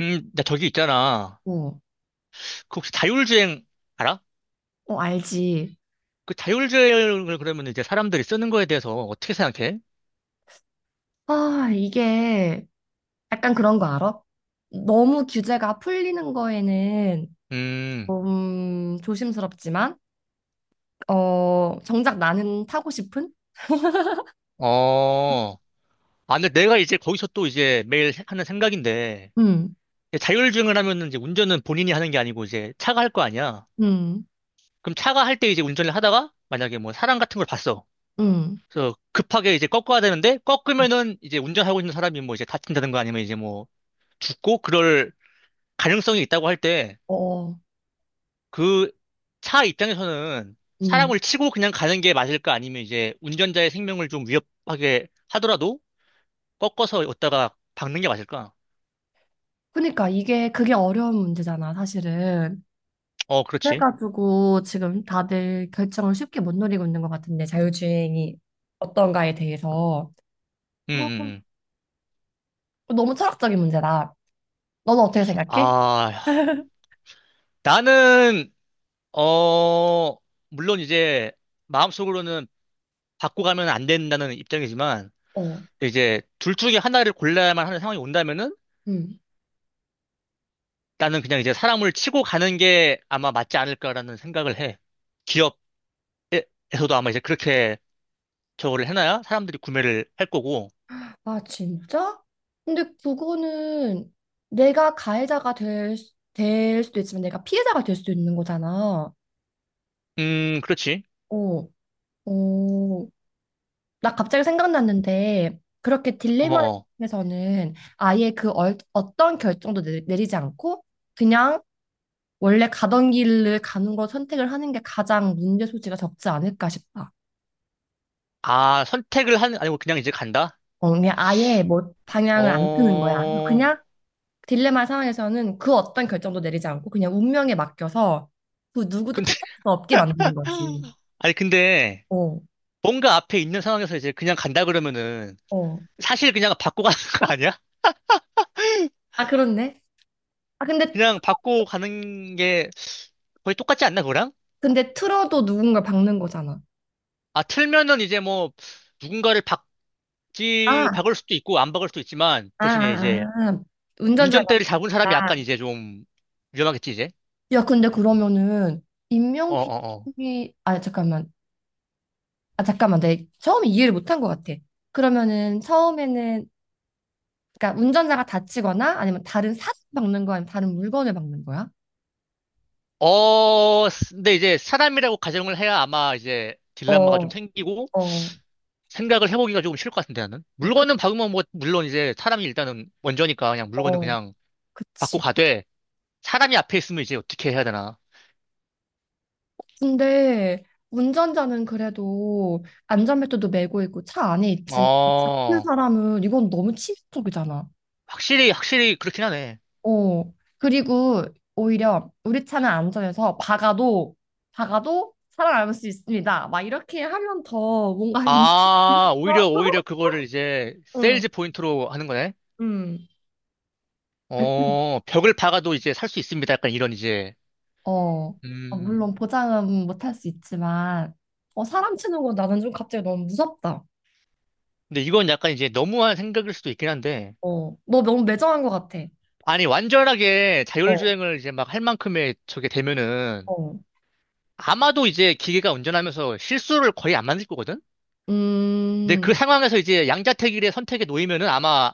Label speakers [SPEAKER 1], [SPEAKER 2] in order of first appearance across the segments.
[SPEAKER 1] 나 저기 있잖아.
[SPEAKER 2] 어,
[SPEAKER 1] 그 혹시 자율주행 알아?
[SPEAKER 2] 어, 알지.
[SPEAKER 1] 그 자율주행을 그러면 이제 사람들이 쓰는 거에 대해서 어떻게 생각해?
[SPEAKER 2] 아, 이게 약간 그런 거 알아? 너무 규제가 풀리는 거에는
[SPEAKER 1] 음.
[SPEAKER 2] 좀 조심스럽지만, 어, 정작 나는 타고 싶은?
[SPEAKER 1] 어. 아, 근데 내가 이제 거기서 또 이제 매일 하는 생각인데,
[SPEAKER 2] 음,
[SPEAKER 1] 이제 자율주행을 하면은 이제 운전은 본인이 하는 게 아니고 이제 차가 할 거 아니야.
[SPEAKER 2] 음,
[SPEAKER 1] 그럼 차가 할 때 이제 운전을 하다가 만약에 뭐 사람 같은 걸 봤어.
[SPEAKER 2] 음,
[SPEAKER 1] 그래서 급하게 이제 꺾어야 되는데, 꺾으면은 이제 운전하고 있는 사람이 뭐 이제 다친다든가 아니면 이제 뭐 죽고 그럴 가능성이 있다고 할 때,
[SPEAKER 2] 어,
[SPEAKER 1] 그 차 입장에서는
[SPEAKER 2] 음.
[SPEAKER 1] 사람을 치고 그냥 가는 게 맞을까? 아니면 이제 운전자의 생명을 좀 위협하게 하더라도 꺾어서 왔다가 박는 게 맞을까?
[SPEAKER 2] 그러니까 이게 그게 어려운 문제잖아, 사실은.
[SPEAKER 1] 어, 그렇지.
[SPEAKER 2] 그래가지고 지금 다들 결정을 쉽게 못 내리고 있는 것 같은데, 자율주행이 어떤가에 대해서.
[SPEAKER 1] 음,
[SPEAKER 2] 아,
[SPEAKER 1] 음, 음.
[SPEAKER 2] 너무 철학적인 문제다. 너는 어떻게 생각해?
[SPEAKER 1] 아, 나는, 어, 물론 이제 마음속으로는 받고 가면 안 된다는 입장이지만,
[SPEAKER 2] 어,
[SPEAKER 1] 이제 둘 중에 하나를 골라야만 하는 상황이 온다면은
[SPEAKER 2] 음.
[SPEAKER 1] 나는 그냥 이제 사람을 치고 가는 게 아마 맞지 않을까라는 생각을 해. 기업에서도 아마 이제 그렇게 저거를 해놔야 사람들이 구매를 할 거고.
[SPEAKER 2] 아, 진짜? 근데 그거는 내가 가해자가 될 수도 있지만 내가 피해자가 될 수도 있는 거잖아.
[SPEAKER 1] 그렇지.
[SPEAKER 2] 어, 어. 나 갑자기 생각났는데 그렇게
[SPEAKER 1] 어, 어.
[SPEAKER 2] 딜레마에서는 아예 어떤 결정도 내리지 않고 그냥 원래 가던 길을 가는 걸 선택을 하는 게 가장 문제 소지가 적지 않을까 싶다.
[SPEAKER 1] 아, 선택을 하는, 아니고 그냥 이제 간다?
[SPEAKER 2] 어, 그냥 아예 뭐 방향을 안 트는 거야.
[SPEAKER 1] 어,
[SPEAKER 2] 그냥 딜레마 상황에서는 그 어떤 결정도 내리지 않고 그냥 운명에 맡겨서 그 누구도
[SPEAKER 1] 근데,
[SPEAKER 2] 탓할 수 없게 만드는 거지.
[SPEAKER 1] 아니, 근데,
[SPEAKER 2] 어,
[SPEAKER 1] 뭔가 앞에 있는 상황에서 이제 그냥 간다 그러면은,
[SPEAKER 2] 어.
[SPEAKER 1] 사실 그냥 받고 가는 거 아니야?
[SPEAKER 2] 아, 그렇네. 아, 근데,
[SPEAKER 1] 그냥 받고 가는 게 거의 똑같지 않나, 그거랑?
[SPEAKER 2] 근데 틀어도 누군가 박는 거잖아.
[SPEAKER 1] 아, 틀면은 이제 뭐, 누군가를 박지,
[SPEAKER 2] 아,
[SPEAKER 1] 박을 수도 있고, 안 박을 수도 있지만,
[SPEAKER 2] 아,
[SPEAKER 1] 대신에 이제,
[SPEAKER 2] 아, 아. 운전자가.
[SPEAKER 1] 운전대를 잡은 사람이 약간 이제 좀, 위험하겠지, 이제?
[SPEAKER 2] 야, 근데 그러면은
[SPEAKER 1] 어어어.
[SPEAKER 2] 인명피해, 아, 잠깐만. 아, 잠깐만. 내가 처음에 이해를 못한 것 같아. 그러면은 처음에는, 그러니까 운전자가 다치거나 아니면 다른 사람 박는 거야? 아니면 다른 물건을 박는 거야?
[SPEAKER 1] 어, 근데 이제 사람이라고 가정을 해야 아마 이제
[SPEAKER 2] 어,
[SPEAKER 1] 딜레마가 좀
[SPEAKER 2] 어,
[SPEAKER 1] 생기고
[SPEAKER 2] 어,
[SPEAKER 1] 생각을 해보기가 조금 쉬울 것 같은데 나는.
[SPEAKER 2] 그-
[SPEAKER 1] 물건은 박으면 뭐, 물론 이제 사람이 일단은 원조니까 그냥 물건은
[SPEAKER 2] 어.
[SPEAKER 1] 그냥 받고
[SPEAKER 2] 그치.
[SPEAKER 1] 가되 사람이 앞에 있으면 이제 어떻게 해야 되나.
[SPEAKER 2] 근데 운전자는 그래도 안전벨트도 매고 있고 차 안에 있지만 잡힌
[SPEAKER 1] 어,
[SPEAKER 2] 사람은 이건 너무 치명적이잖아.
[SPEAKER 1] 확실히 그렇긴 하네.
[SPEAKER 2] 어. 그리고 오히려 우리 차는 안전해서 박아도 박아도 살아남을 수 있습니다. 막 이렇게 하면 더 뭔가
[SPEAKER 1] 아, 오히려 그거를 이제
[SPEAKER 2] 응,
[SPEAKER 1] 세일즈 포인트로 하는 거네.
[SPEAKER 2] 응.
[SPEAKER 1] 어, 벽을 박아도 이제 살 수 있습니다. 약간 이런 이제.
[SPEAKER 2] 어, 아,
[SPEAKER 1] 음.
[SPEAKER 2] 물론 보장은 못 할 수 있지만, 어, 사람 치는 건 나는 좀 갑자기 너무 무섭다.
[SPEAKER 1] 근데 이건 약간 이제 너무한 생각일 수도 있긴 한데.
[SPEAKER 2] 어, 너 너무 매정한 것 같아.
[SPEAKER 1] 아니, 완전하게
[SPEAKER 2] 어,
[SPEAKER 1] 자율주행을 이제 막 할 만큼의 저게 되면은
[SPEAKER 2] 어.
[SPEAKER 1] 아마도 이제 기계가 운전하면서 실수를 거의 안 만들 거거든? 근데
[SPEAKER 2] 음,
[SPEAKER 1] 그 상황에서 이제 양자택일의 선택에 놓이면은 아마,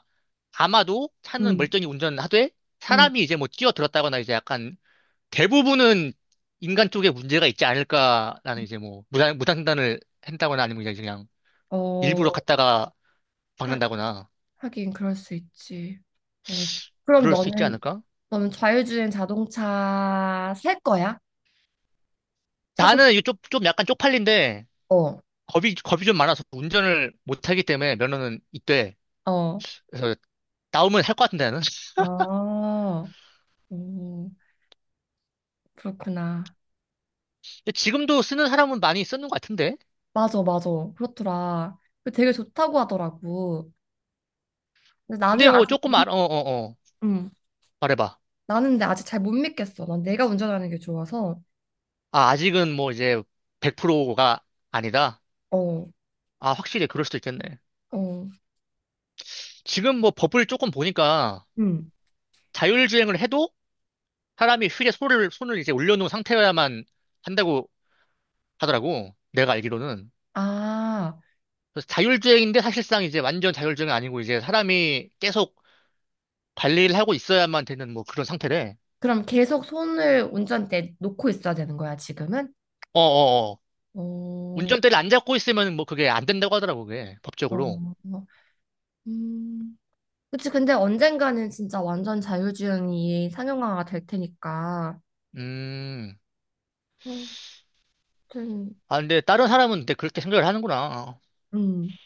[SPEAKER 1] 아마도 차는
[SPEAKER 2] 응,
[SPEAKER 1] 멀쩡히 운전하되
[SPEAKER 2] 응.
[SPEAKER 1] 사람이 이제 뭐 뛰어들었다거나 이제 약간 대부분은 인간 쪽에 문제가 있지 않을까라는 이제 뭐 무단횡단을 한다거나 아니면 그냥 일부러
[SPEAKER 2] 어,
[SPEAKER 1] 갔다가
[SPEAKER 2] 하,
[SPEAKER 1] 박는다거나
[SPEAKER 2] 하긴 그럴 수 있지. 어. 그럼
[SPEAKER 1] 그럴 수 있지
[SPEAKER 2] 너는
[SPEAKER 1] 않을까?
[SPEAKER 2] 너는 자율주행 자동차 살 거야? 사고
[SPEAKER 1] 나는 이거 좀 약간 쪽팔린데
[SPEAKER 2] 싶어.
[SPEAKER 1] 겁이 좀 많아서 운전을 못하기 때문에 면허는 있대.
[SPEAKER 2] 어.
[SPEAKER 1] 그래서 나오면 할 것 같은데, 나는.
[SPEAKER 2] 아, 오, 그렇구나.
[SPEAKER 1] 근데 지금도 쓰는 사람은 많이 쓰는 것 같은데?
[SPEAKER 2] 맞아, 맞아. 그렇더라. 그 되게 좋다고 하더라고. 근데 나는
[SPEAKER 1] 근데 뭐
[SPEAKER 2] 아직,
[SPEAKER 1] 조금
[SPEAKER 2] 못-
[SPEAKER 1] 어, 어, 어.
[SPEAKER 2] 음,
[SPEAKER 1] 말해봐.
[SPEAKER 2] 나는 근데 아직 잘 못 믿겠어. 난 내가 운전하는 게 좋아서.
[SPEAKER 1] 아, 아직은 뭐 이제 100%가 아니다?
[SPEAKER 2] 어,
[SPEAKER 1] 아, 확실히 그럴 수도 있겠네.
[SPEAKER 2] 어,
[SPEAKER 1] 지금 뭐 법을 조금 보니까
[SPEAKER 2] 음.
[SPEAKER 1] 자율주행을 해도 사람이 휠에 손을 이제 올려놓은 상태여야만 한다고 하더라고. 내가 알기로는.
[SPEAKER 2] 아,
[SPEAKER 1] 그래서 자율주행인데 사실상 이제 완전 자율주행은 아니고 이제 사람이 계속 관리를 하고 있어야만 되는 뭐 그런 상태래.
[SPEAKER 2] 그럼 계속 손을 운전대 놓고 있어야 되는 거야, 지금은?
[SPEAKER 1] 어어어.
[SPEAKER 2] 어,
[SPEAKER 1] 운전대를 안 잡고 있으면 뭐 그게 안 된다고 하더라고, 그게. 법적으로.
[SPEAKER 2] 어, 음. 그치, 근데 언젠가는 진짜 완전 자율주행이 상용화가 될 테니까.
[SPEAKER 1] 음.
[SPEAKER 2] 어, 하여튼,
[SPEAKER 1] 아, 근데 다른 사람은 근데 그렇게 생각을 하는구나.
[SPEAKER 2] 음.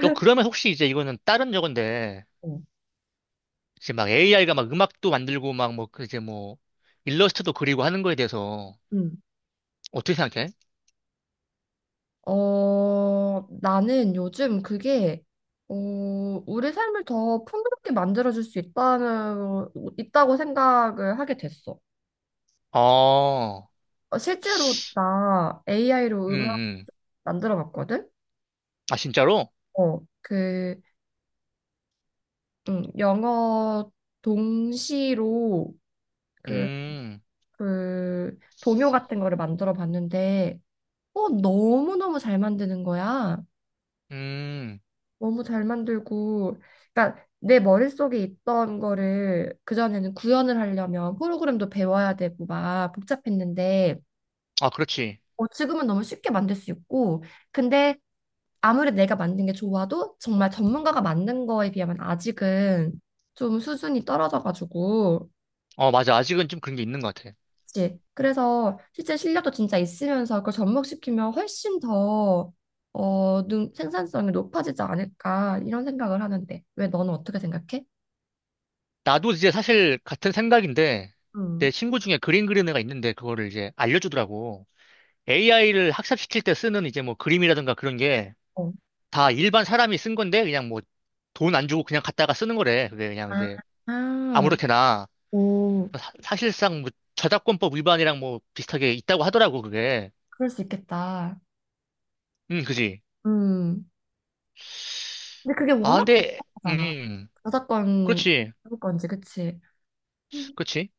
[SPEAKER 1] 너 그러면 혹시 이제 이거는 다른 저건데,
[SPEAKER 2] 어,
[SPEAKER 1] 이제 막 AI가 막 음악도 만들고 막 뭐, 그 이제 뭐, 일러스트도 그리고 하는 거에 대해서
[SPEAKER 2] 음,
[SPEAKER 1] 어떻게 생각해?
[SPEAKER 2] 어, 나는 요즘 그게, 어, 우리 삶을 더 풍요롭게 만들어줄 수 있다는, 있다고 생각을 하게 됐어.
[SPEAKER 1] 어,
[SPEAKER 2] 어, 실제로 나 AI로
[SPEAKER 1] 음,
[SPEAKER 2] 음악
[SPEAKER 1] 음.
[SPEAKER 2] 만들어 봤거든?
[SPEAKER 1] 아, 진짜로?
[SPEAKER 2] 어, 영어 동시로 그
[SPEAKER 1] 음,
[SPEAKER 2] 그 동요 같은 거를 만들어 봤는데 어 너무너무 잘 만드는 거야.
[SPEAKER 1] 음.
[SPEAKER 2] 너무 잘 만들고 그러니까 내 머릿속에 있던 거를 그전에는 구현을 하려면 프로그램도 배워야 되고 막 복잡했는데
[SPEAKER 1] 아, 그렇지.
[SPEAKER 2] 어 지금은 너무 쉽게 만들 수 있고 근데 아무리 내가 만든 게 좋아도 정말 전문가가 만든 거에 비하면 아직은 좀 수준이 떨어져가지고
[SPEAKER 1] 어, 맞아. 아직은 좀 그런 게 있는 것 같아.
[SPEAKER 2] 그치? 그래서 실제 실력도 진짜 있으면서 그걸 접목시키면 훨씬 더 생산성이 높아지지 않을까 이런 생각을 하는데 왜 너는 어떻게 생각해?
[SPEAKER 1] 나도 이제 사실 같은 생각인데,
[SPEAKER 2] 음.
[SPEAKER 1] 내 친구 중에 그림 그리는 애가 있는데, 그거를 이제 알려주더라고. AI를 학습시킬 때 쓰는 이제 뭐 그림이라든가 그런 게
[SPEAKER 2] 어.
[SPEAKER 1] 다 일반 사람이 쓴 건데, 그냥 뭐 돈 안 주고 그냥 갖다가 쓰는 거래. 그게 그냥
[SPEAKER 2] 아,
[SPEAKER 1] 이제
[SPEAKER 2] 아,
[SPEAKER 1] 아무렇게나.
[SPEAKER 2] 오,
[SPEAKER 1] 사실상 뭐 저작권법 위반이랑 뭐 비슷하게 있다고 하더라고, 그게.
[SPEAKER 2] 그럴 수 있겠다.
[SPEAKER 1] 그지.
[SPEAKER 2] 음. 근데 그게
[SPEAKER 1] 아,
[SPEAKER 2] 워낙
[SPEAKER 1] 근데,
[SPEAKER 2] 복잡하잖아.
[SPEAKER 1] 음,
[SPEAKER 2] 저작권,
[SPEAKER 1] 그렇지.
[SPEAKER 2] 저작권지, 그치? 음.
[SPEAKER 1] 그렇지.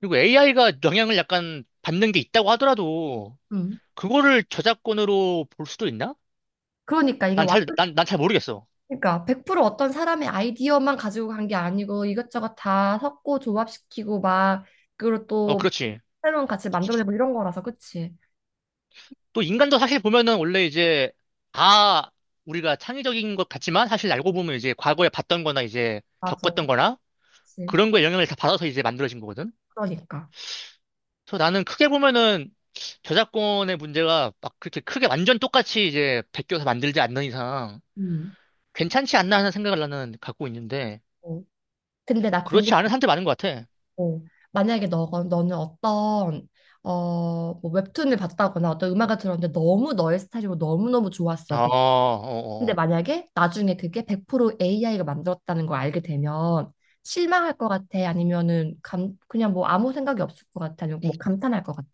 [SPEAKER 1] 그리고 AI가 영향을 약간 받는 게 있다고 하더라도,
[SPEAKER 2] 음.
[SPEAKER 1] 그거를 저작권으로 볼 수도 있나?
[SPEAKER 2] 그러니까 이게 완
[SPEAKER 1] 난 잘 모르겠어.
[SPEAKER 2] 그러니까 100% 어떤 사람의 아이디어만 가지고 간 게 아니고 이것저것 다 섞고 조합시키고 막 그리고
[SPEAKER 1] 어,
[SPEAKER 2] 또
[SPEAKER 1] 그렇지.
[SPEAKER 2] 새로운 가치 만들어내고 이런 거라서 그치?
[SPEAKER 1] 또 인간도 사실 보면은 원래 이제 다 우리가 창의적인 것 같지만 사실 알고 보면 이제 과거에 봤던 거나 이제
[SPEAKER 2] 맞아.
[SPEAKER 1] 겪었던 거나
[SPEAKER 2] 그치.
[SPEAKER 1] 그런 거에 영향을 다 받아서 이제 만들어진 거거든.
[SPEAKER 2] 그러니까.
[SPEAKER 1] 그래서 나는 크게 보면은 저작권의 문제가 막 그렇게 크게 완전 똑같이 이제 베껴서 만들지 않는 이상
[SPEAKER 2] 음.
[SPEAKER 1] 괜찮지 않나 하는 생각을 나는 갖고 있는데
[SPEAKER 2] 어. 근데 나
[SPEAKER 1] 그렇지
[SPEAKER 2] 궁금한
[SPEAKER 1] 않은 사람들 많은 것 같아.
[SPEAKER 2] 거 만약에 너 너는 어떤 어뭐 웹툰을 봤다거나 어떤 음악을 들었는데 너무 너의 스타일이고 너무너무
[SPEAKER 1] 아,
[SPEAKER 2] 좋았어.
[SPEAKER 1] 어, 어,
[SPEAKER 2] 근데
[SPEAKER 1] 어.
[SPEAKER 2] 만약에 나중에 그게 100% AI가 만들었다는 걸 알게 되면 실망할 것 같아? 아니면은 그냥 뭐 아무 생각이 없을 것 같아? 아니면 뭐 감탄할 것 같아?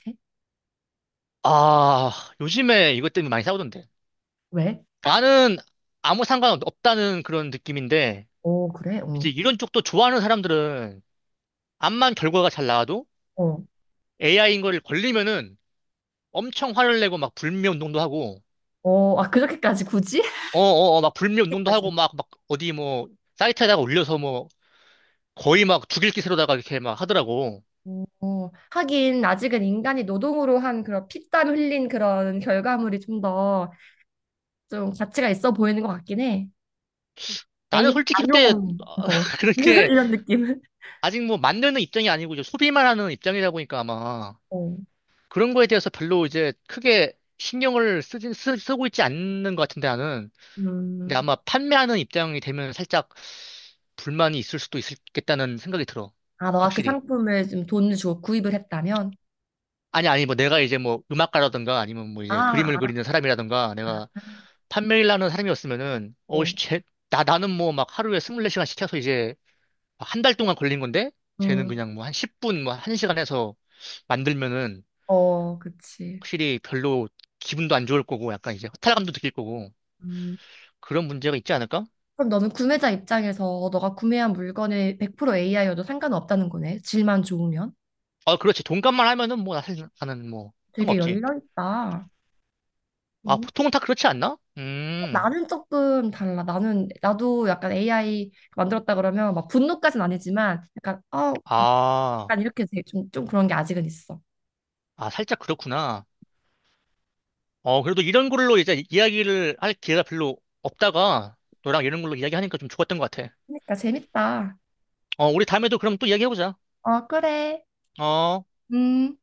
[SPEAKER 1] 아, 요즘에 이것 때문에 많이 싸우던데.
[SPEAKER 2] 왜?
[SPEAKER 1] 나는 아무 상관없다는 그런 느낌인데,
[SPEAKER 2] 오, 그래? 어,
[SPEAKER 1] 이제 이런 쪽도 좋아하는 사람들은 암만 결과가 잘 나와도
[SPEAKER 2] 어,
[SPEAKER 1] AI인 걸 걸리면은 엄청 화를 내고 막 불매 운동도 하고,
[SPEAKER 2] 어, 아, 그렇게까지 굳이?
[SPEAKER 1] 어어어, 막 불매 운동도
[SPEAKER 2] 그렇게까지.
[SPEAKER 1] 하고 막 어디 뭐 사이트에다가 올려서 뭐 거의 막 죽일 기세로다가 이렇게 막 하더라고.
[SPEAKER 2] 어, 하긴 아직은 인간이 노동으로 한 그런 피땀 흘린 그런 결과물이 좀 더 좀 가치가 있어 보이는 것 같긴 해.
[SPEAKER 1] 나는
[SPEAKER 2] AI
[SPEAKER 1] 솔직히
[SPEAKER 2] 날로
[SPEAKER 1] 근데
[SPEAKER 2] 먹는 어,
[SPEAKER 1] 그렇게
[SPEAKER 2] 이런 느낌.
[SPEAKER 1] 아직 뭐 만드는 입장이 아니고 이제 소비만 하는 입장이다 보니까 아마
[SPEAKER 2] 어,
[SPEAKER 1] 그런 거에 대해서 별로 이제 크게 신경을 쓰고 있지 않는 것 같은데 나는. 근데
[SPEAKER 2] 음.
[SPEAKER 1] 아마 판매하는 입장이 되면 살짝 불만이 있을 수도 있겠다는 생각이 들어.
[SPEAKER 2] 아, 너가 그
[SPEAKER 1] 확실히.
[SPEAKER 2] 상품을 좀 돈을 주고 구입을 했다면?
[SPEAKER 1] 아니, 아니, 뭐 내가 이제 뭐 음악가라든가 아니면 뭐 이제
[SPEAKER 2] 아,
[SPEAKER 1] 그림을
[SPEAKER 2] 안
[SPEAKER 1] 그리는 사람이라든가 내가 판매를 하는 사람이었으면은, 어,
[SPEAKER 2] 어,
[SPEAKER 1] 씨, 쟤, 나는 뭐 막 하루에 24시간 시켜서 이제 한 달 동안 걸린 건데, 쟤는
[SPEAKER 2] 음,
[SPEAKER 1] 그냥 뭐 한 10분, 뭐 한 시간 해서 만들면은
[SPEAKER 2] 어, 그치.
[SPEAKER 1] 확실히 별로 기분도 안 좋을 거고 약간 이제 허탈감도 느낄 거고
[SPEAKER 2] 음,
[SPEAKER 1] 그런 문제가 있지 않을까?
[SPEAKER 2] 그럼 너는 구매자 입장에서 너가 구매한 물건에 100% AI여도 상관없다는 거네. 질만 좋으면.
[SPEAKER 1] 아, 그렇지. 돈값만 하면은 뭐 사실 나는 뭐
[SPEAKER 2] 되게
[SPEAKER 1] 상관없지.
[SPEAKER 2] 열려있다.
[SPEAKER 1] 아,
[SPEAKER 2] 음.
[SPEAKER 1] 보통은 다 그렇지 않나?
[SPEAKER 2] 어, 나는 조금 달라. 나는, 나도 약간 AI 만들었다 그러면 막 분노까지는 아니지만 약간, 어,
[SPEAKER 1] 아,
[SPEAKER 2] 약간 이렇게 좀 그런 게 아직은 있어.
[SPEAKER 1] 아, 살짝 그렇구나. 어, 그래도 이런 걸로 이제 이야기를 할 기회가 별로 없다가 너랑 이런 걸로 이야기하니까 좀 좋았던 것 같아.
[SPEAKER 2] 그러니까 재밌다.
[SPEAKER 1] 어, 우리 다음에도 그럼 또 이야기해보자.
[SPEAKER 2] 어, 그래.
[SPEAKER 1] 어.
[SPEAKER 2] 음.